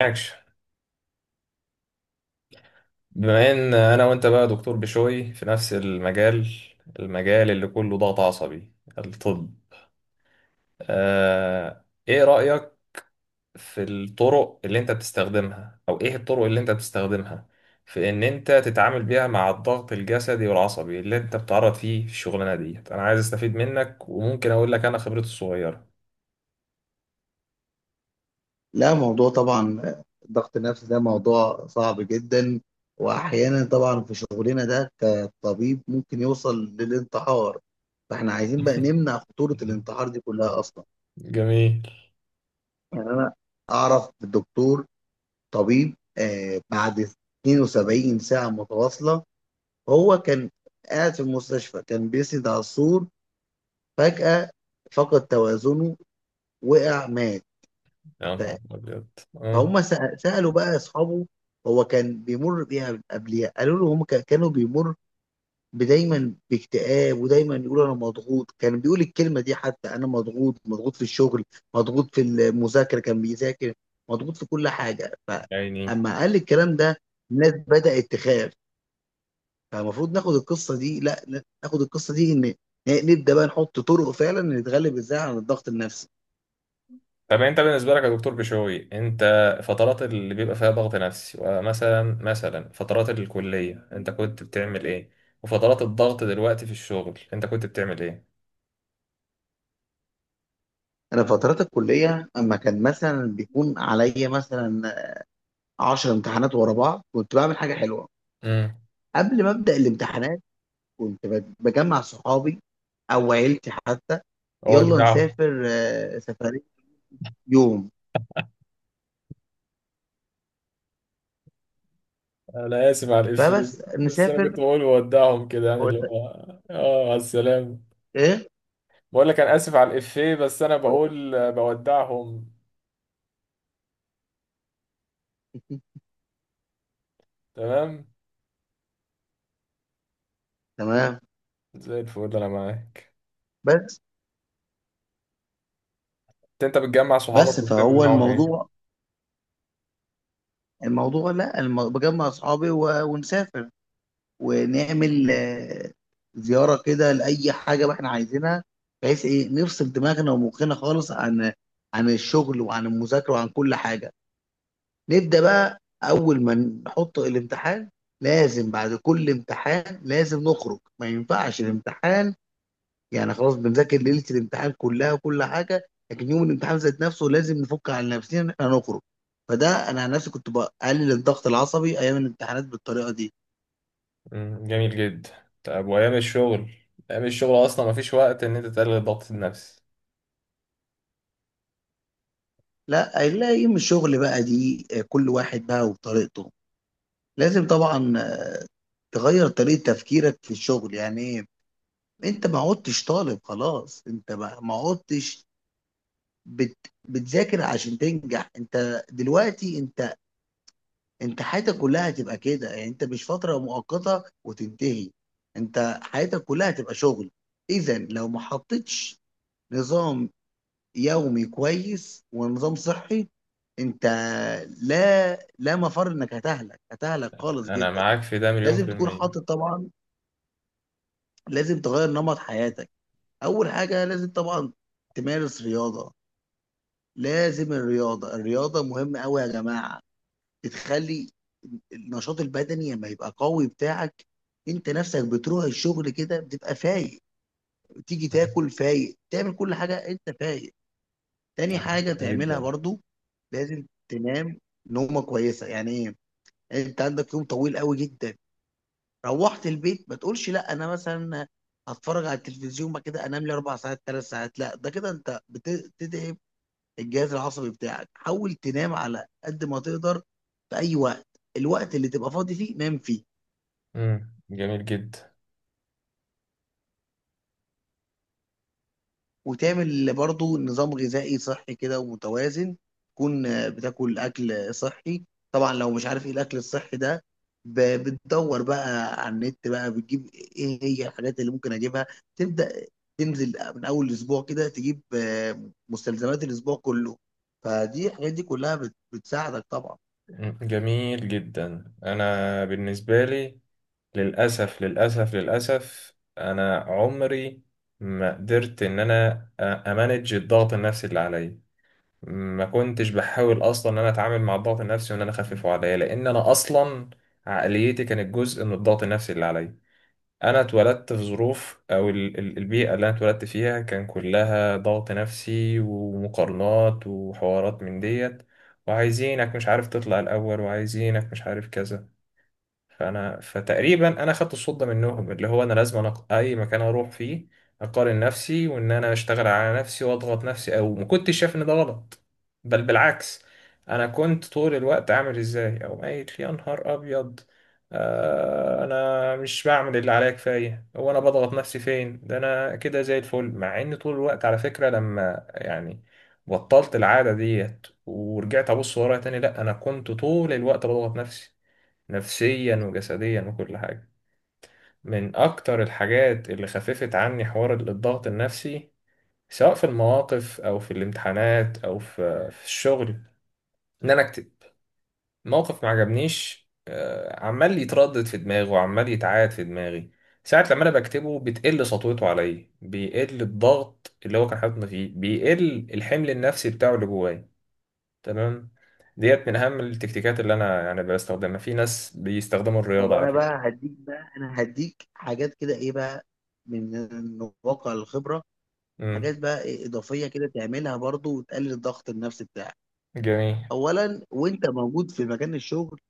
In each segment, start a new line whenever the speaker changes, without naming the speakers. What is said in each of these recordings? معكش. بما ان انا وانت بقى دكتور بشوي في نفس المجال المجال اللي كله ضغط عصبي، الطب. ايه رأيك في الطرق اللي انت بتستخدمها، او ايه الطرق اللي انت بتستخدمها في ان انت تتعامل بيها مع الضغط الجسدي والعصبي اللي انت بتتعرض فيه في الشغلانة ديت؟ انا عايز استفيد منك، وممكن اقول لك انا خبرتي الصغيرة.
لا، موضوع طبعا. الضغط النفسي ده موضوع صعب جدا. واحيانا طبعا في شغلنا ده كطبيب ممكن يوصل للانتحار. فاحنا عايزين بقى نمنع خطورة الانتحار دي كلها اصلا.
جميل.
يعني انا اعرف دكتور طبيب بعد 72 ساعة متواصلة هو كان قاعد في المستشفى، كان بيسند على السور. فجأة فقد توازنه، وقع، مات.
يا نهار ابيض. آه،
فهم سألوا بقى أصحابه هو كان بيمر بيها قبليها. قالوا له هم كانوا بيمر دايما باكتئاب، ودايما يقول أنا مضغوط. كان بيقول الكلمة دي حتى، أنا مضغوط، مضغوط في الشغل، مضغوط في المذاكرة كان بيذاكر، مضغوط في كل حاجة.
عيني.
فأما قال الكلام ده الناس بدأت تخاف. فالمفروض ناخد القصة دي، لا لا، ناخد القصة دي إن، نبدأ بقى نحط طرق فعلا نتغلب إزاي على الضغط النفسي.
طب انت بالنسبه لك يا دكتور بشوي، انت فترات اللي بيبقى فيها ضغط نفسي، ومثلا فترات الكليه، انت كنت بتعمل ايه؟ وفترات الضغط دلوقتي في الشغل انت كنت بتعمل ايه؟
أنا فترات الكلية أما كان مثلا بيكون عليا مثلا 10 امتحانات ورا بعض، كنت بعمل حاجه حلوه.
امم
قبل ما ابدا الامتحانات كنت بجمع صحابي او عيلتي حتى. يلا
اودعهم.
نسافر، سفريه يوم.
انا اسف على الافيه،
فبس
بس انا
نسافر.
كنت بقول اودعهم كده، يعني اللي
قلت
هو اه، على السلامه.
ايه؟
بقول لك انا اسف على الافيه، بس انا
قلت
بقول بودعهم. تمام.
تمام.
زي الفل، انا معاك.
بس،
انت بتجمع
بس
صحابك وبتعمل
فهو
معاهم ايه؟
الموضوع، الموضوع، لا الم- بجمع اصحابي ونسافر ونعمل زياره كده لاي حاجه ما احنا عايزينها، بحيث ايه نفصل دماغنا ومخنا خالص عن، عن الشغل وعن المذاكره وعن كل حاجه. نبدأ بقى أول ما نحط الامتحان، لازم بعد كل امتحان لازم نخرج. ما ينفعش الامتحان، يعني خلاص بنذاكر ليلة الامتحان كلها وكل حاجة، لكن يوم الامتحان ذات نفسه لازم نفك على نفسنا إن إحنا نخرج. فده أنا عن نفسي كنت بقلل الضغط العصبي أيام الامتحانات بالطريقة دي.
مم، جميل جدا. طب وايام الشغل؟ ايام الشغل اصلا مفيش وقت ان انت تقلل الضغط النفسي.
لا، لا، يوم الشغل بقى دي كل واحد بقى وطريقته. لازم طبعا تغير طريقة تفكيرك في الشغل. يعني إيه؟ انت ما عدتش طالب خلاص، انت ما عدتش بتذاكر عشان تنجح. انت دلوقتي انت، انت حياتك كلها هتبقى كده. يعني انت مش فترة مؤقتة وتنتهي، انت حياتك كلها هتبقى شغل. اذا لو ما حطيتش نظام يومي كويس ونظام صحي، انت لا، لا مفر انك هتهلك، هتهلك خالص
انا
جدا.
معاك في ده مليون
لازم
في
تكون
المية.
حاطط طبعا، لازم تغير نمط حياتك. اول حاجه لازم طبعا تمارس رياضه. لازم الرياضه، الرياضه مهمه قوي يا جماعه. بتخلي النشاط البدني لما يبقى قوي بتاعك، انت نفسك بتروح الشغل كده بتبقى فايق، تيجي
مم،
تاكل فايق، تعمل كل حاجة انت فايق. تاني حاجة تعملها
جدا.
برضو، لازم تنام نومة كويسة. يعني ايه؟ يعني انت عندك يوم طويل قوي جدا، روحت البيت ما تقولش لا انا مثلا هتفرج على التلفزيون بعد كده انام لي اربع ساعات، ثلاث ساعات. لا، ده كده انت بتدعي الجهاز العصبي بتاعك. حاول تنام على قد ما تقدر في اي وقت، الوقت اللي تبقى فاضي فيه نام فيه.
مم، جميل جدا.
وتعمل برضو نظام غذائي صحي كده ومتوازن، تكون بتاكل اكل صحي. طبعا لو مش عارف ايه الاكل الصحي ده، بتدور بقى على النت، بقى بتجيب ايه هي الحاجات اللي ممكن اجيبها. تبدأ تنزل من اول الاسبوع كده تجيب مستلزمات الاسبوع كله. فدي الحاجات دي كلها بتساعدك طبعا.
مم، جميل جدا. انا بالنسبة لي، للاسف للاسف للاسف، انا عمري ما قدرت ان انا امانج الضغط النفسي اللي عليا. ما كنتش بحاول اصلا ان انا اتعامل مع الضغط النفسي وان انا اخففه عليا، لان انا اصلا عقليتي كانت جزء من الضغط النفسي اللي عليا. انا اتولدت في ظروف، او البيئه اللي انا اتولدت فيها كان كلها ضغط نفسي ومقارنات وحوارات من ديت. وعايزينك مش عارف تطلع الاول، وعايزينك مش عارف كذا. فانا فتقريبا انا خدت الصوت ده منهم، اللي هو انا لازم، أنا اي مكان اروح فيه اقارن نفسي وان انا اشتغل على نفسي واضغط نفسي، او ما كنتش شايف ان ده غلط، بل بالعكس. انا كنت طول الوقت عامل ازاي، او قايل يا نهار ابيض، آه انا مش بعمل اللي عليا كفايه، هو انا بضغط نفسي فين، ده انا كده زي الفل. مع ان طول الوقت على فكره، لما يعني بطلت العاده ديت ورجعت ابص ورايا تاني، لا انا كنت طول الوقت بضغط نفسي، نفسيا وجسديا وكل حاجة. من أكتر الحاجات اللي خففت عني حوار الضغط النفسي، سواء في المواقف أو في الامتحانات أو في الشغل، إن أنا أكتب. موقف ما عجبنيش، عمال يتردد في دماغي وعمال يتعاد في دماغي، ساعة لما أنا بكتبه بتقل سطوته عليا، بيقل الضغط اللي هو كان حاططني فيه، بيقل الحمل النفسي بتاعه اللي جوايا. تمام. ديت من أهم التكتيكات اللي أنا يعني بستخدمها. في ناس بيستخدموا
طب
الرياضة على
انا
فكرة.
بقى هديك، بقى انا هديك حاجات كده، ايه بقى من واقع الخبره،
مم.
حاجات بقى إيه اضافيه كده تعملها برضو وتقلل الضغط النفسي بتاعك.
جميل
اولا وانت موجود في مكان الشغل،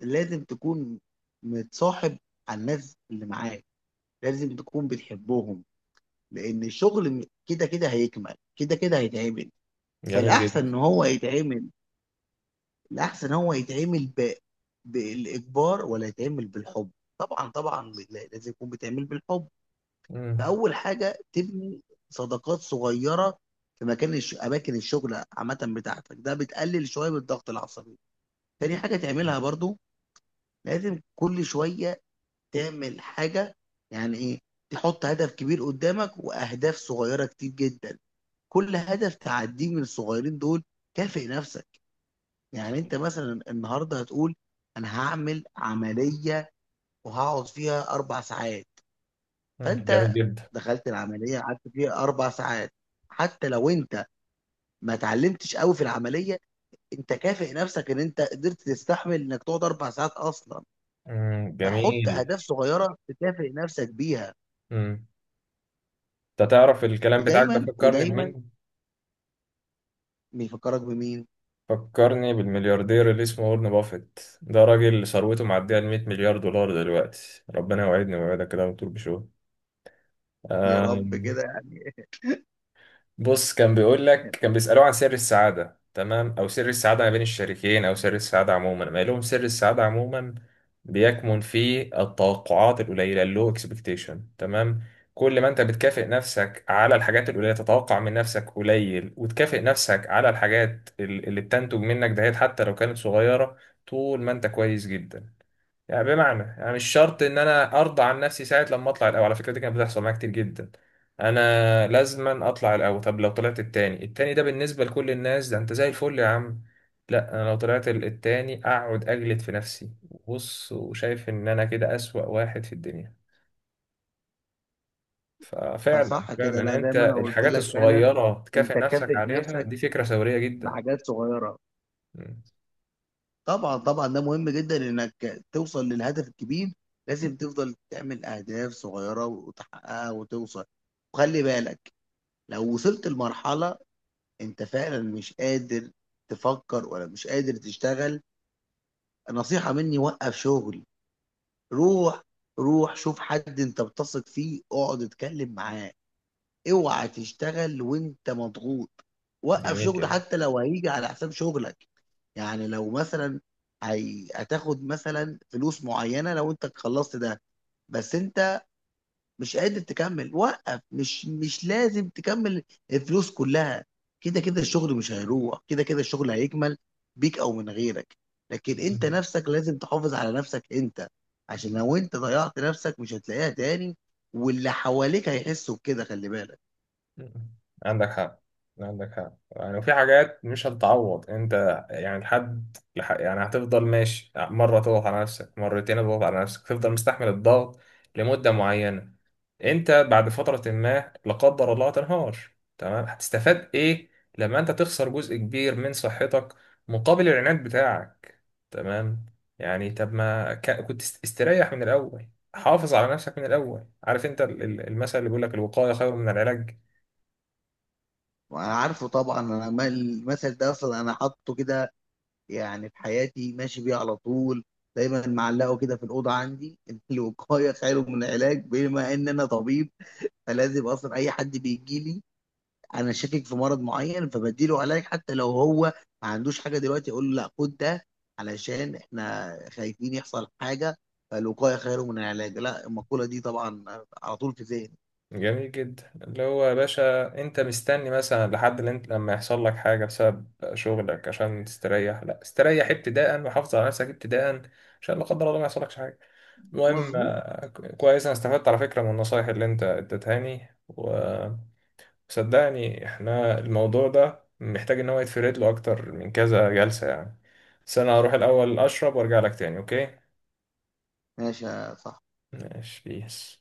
لازم تكون متصاحب على الناس اللي معاك، لازم تكون بتحبهم. لان الشغل كده كده هيكمل، كده كده هيتعمل.
جميل
فالاحسن
جدا.
ان هو يتعمل، الاحسن هو يتعمل ب، بالاجبار ولا يتعمل بالحب؟ طبعا طبعا لازم يكون بتعمل بالحب.
مم.
فاول حاجه تبني صداقات صغيره في مكان اماكن الشغل عامه بتاعتك، ده بتقلل شويه من الضغط العصبي. تاني حاجه تعملها برضو، لازم كل شويه تعمل حاجه. يعني ايه؟ تحط هدف كبير قدامك واهداف صغيره كتير جدا، كل هدف تعديه من الصغيرين دول كافئ نفسك. يعني انت مثلا النهارده هتقول انا هعمل عمليه وهقعد فيها اربع ساعات.
مم، جميل
فانت
جدا.
دخلت العمليه، قعدت فيها اربع ساعات، حتى لو انت ما اتعلمتش قوي في العمليه، انت كافئ نفسك ان انت قدرت تستحمل انك تقعد اربع ساعات اصلا.
مم،
فحط
جميل.
اهداف صغيره تكافئ نفسك بيها.
مم. انت تعرف الكلام بتاعك ده
ودايما
فكرني
ودايما
بمين؟
بيفكرك بمين؟
فكرني بالملياردير اللي اسمه وارن بافيت. ده راجل ثروته معدية ال 100 مليار دولار دلوقتي. ربنا يوعدني ويوعدك كده وتقول بشو.
يا رب
آم،
كده يعني.
بص، كان بيقول لك، كان بيسألوه عن سر السعادة، تمام، أو سر السعادة ما بين الشريكين، أو سر السعادة عموما. ما لهم سر السعادة عموما بيكمن في التوقعات القليلة، اللو اكسبكتيشن، تمام. كل ما أنت بتكافئ نفسك على الحاجات القليلة، تتوقع من نفسك قليل وتكافئ نفسك على اللي بتنتج منك دهيت، حتى لو كانت صغيرة، طول ما أنت كويس جدا. يعني بمعنى، يعني مش شرط ان انا ارضى عن نفسي ساعه لما اطلع الاول. على فكره، دي كانت بتحصل معايا كتير جدا. انا لازما اطلع الاول. طب لو طلعت التاني، التاني ده بالنسبه لكل الناس ده انت زي الفل يا عم. لا، انا لو طلعت التاني اقعد اجلد في نفسي، بص، وشايف ان انا كده اسوأ واحد في الدنيا. ففعلا
فصح
فعلا،
كده. لا
يعني
زي
انت
ما انا قلت
الحاجات
لك فعلا،
الصغيره
انت
تكافئ نفسك
كافئ
عليها،
نفسك
دي فكره ثوريه جدا.
بحاجات صغيره.
مم،
طبعا طبعا ده مهم جدا انك توصل للهدف الكبير، لازم تفضل تعمل اهداف صغيره وتحققها وتوصل. وخلي بالك، لو وصلت لمرحله انت فعلا مش قادر تفكر ولا مش قادر تشتغل، نصيحه مني، وقف شغل. روح، روح شوف حد انت بتثق فيه، اقعد اتكلم معاه. اوعى تشتغل وانت مضغوط، وقف
جميل
شغل
جدا.
حتى لو هيجي على حساب شغلك. يعني لو مثلا هتاخد مثلا فلوس معينة لو انت خلصت ده، بس انت مش قادر تكمل، وقف. مش لازم تكمل الفلوس كلها. كده كده الشغل مش هيروح، كده كده الشغل هيكمل بيك او من غيرك. لكن انت
مم.
نفسك لازم تحافظ على نفسك انت. عشان لو انت ضيعت نفسك مش هتلاقيها تاني، واللي حواليك هيحسوا بكده، خلي بالك.
عندك حق. عندك حق. يعني وفي حاجات مش هتتعوض، انت يعني يعني هتفضل ماشي، مره تضغط على نفسك، مرتين تضغط على نفسك، تفضل مستحمل الضغط لمده معينه، انت بعد فتره، ما لا قدر الله، هتنهار. تمام. هتستفاد ايه لما انت تخسر جزء كبير من صحتك مقابل العناد بتاعك؟ تمام؟ يعني طب ما ك... كنت استريح من الاول، حافظ على نفسك من الاول. عارف انت المثل اللي بيقول لك، الوقايه خير من العلاج.
وانا عارفه طبعا انا، المثل ده اصلا انا حاطه كده يعني في حياتي، ماشي بيه على طول، دايما معلقه كده في الاوضه عندي إن الوقايه خير من العلاج. بما ان انا طبيب فلازم اصلا اي حد بيجي لي انا شاكك في مرض معين فبديله علاج، حتى لو هو ما عندوش حاجه دلوقتي اقول له لا، خد ده علشان احنا خايفين يحصل حاجه. فالوقايه خير من العلاج، لا المقوله دي طبعا على طول في ذهني.
جميل جدا، اللي هو يا باشا انت مستني مثلا لحد اللي انت لما يحصل لك حاجة بسبب شغلك عشان تستريح؟ لا، استريح ابتداء وحافظ على نفسك ابتداء، عشان لا قدر الله ما يحصلكش حاجة. المهم،
مظبوط.
كويس. انا استفدت على فكرة من النصايح اللي انت اديتهاني، وصدقني احنا الموضوع ده محتاج ان هو يتفرد له اكتر من كذا جلسة يعني. بس انا هروح الاول اشرب وارجع لك تاني، اوكي؟
ماشي يا صاحبي.
ماشي بيس.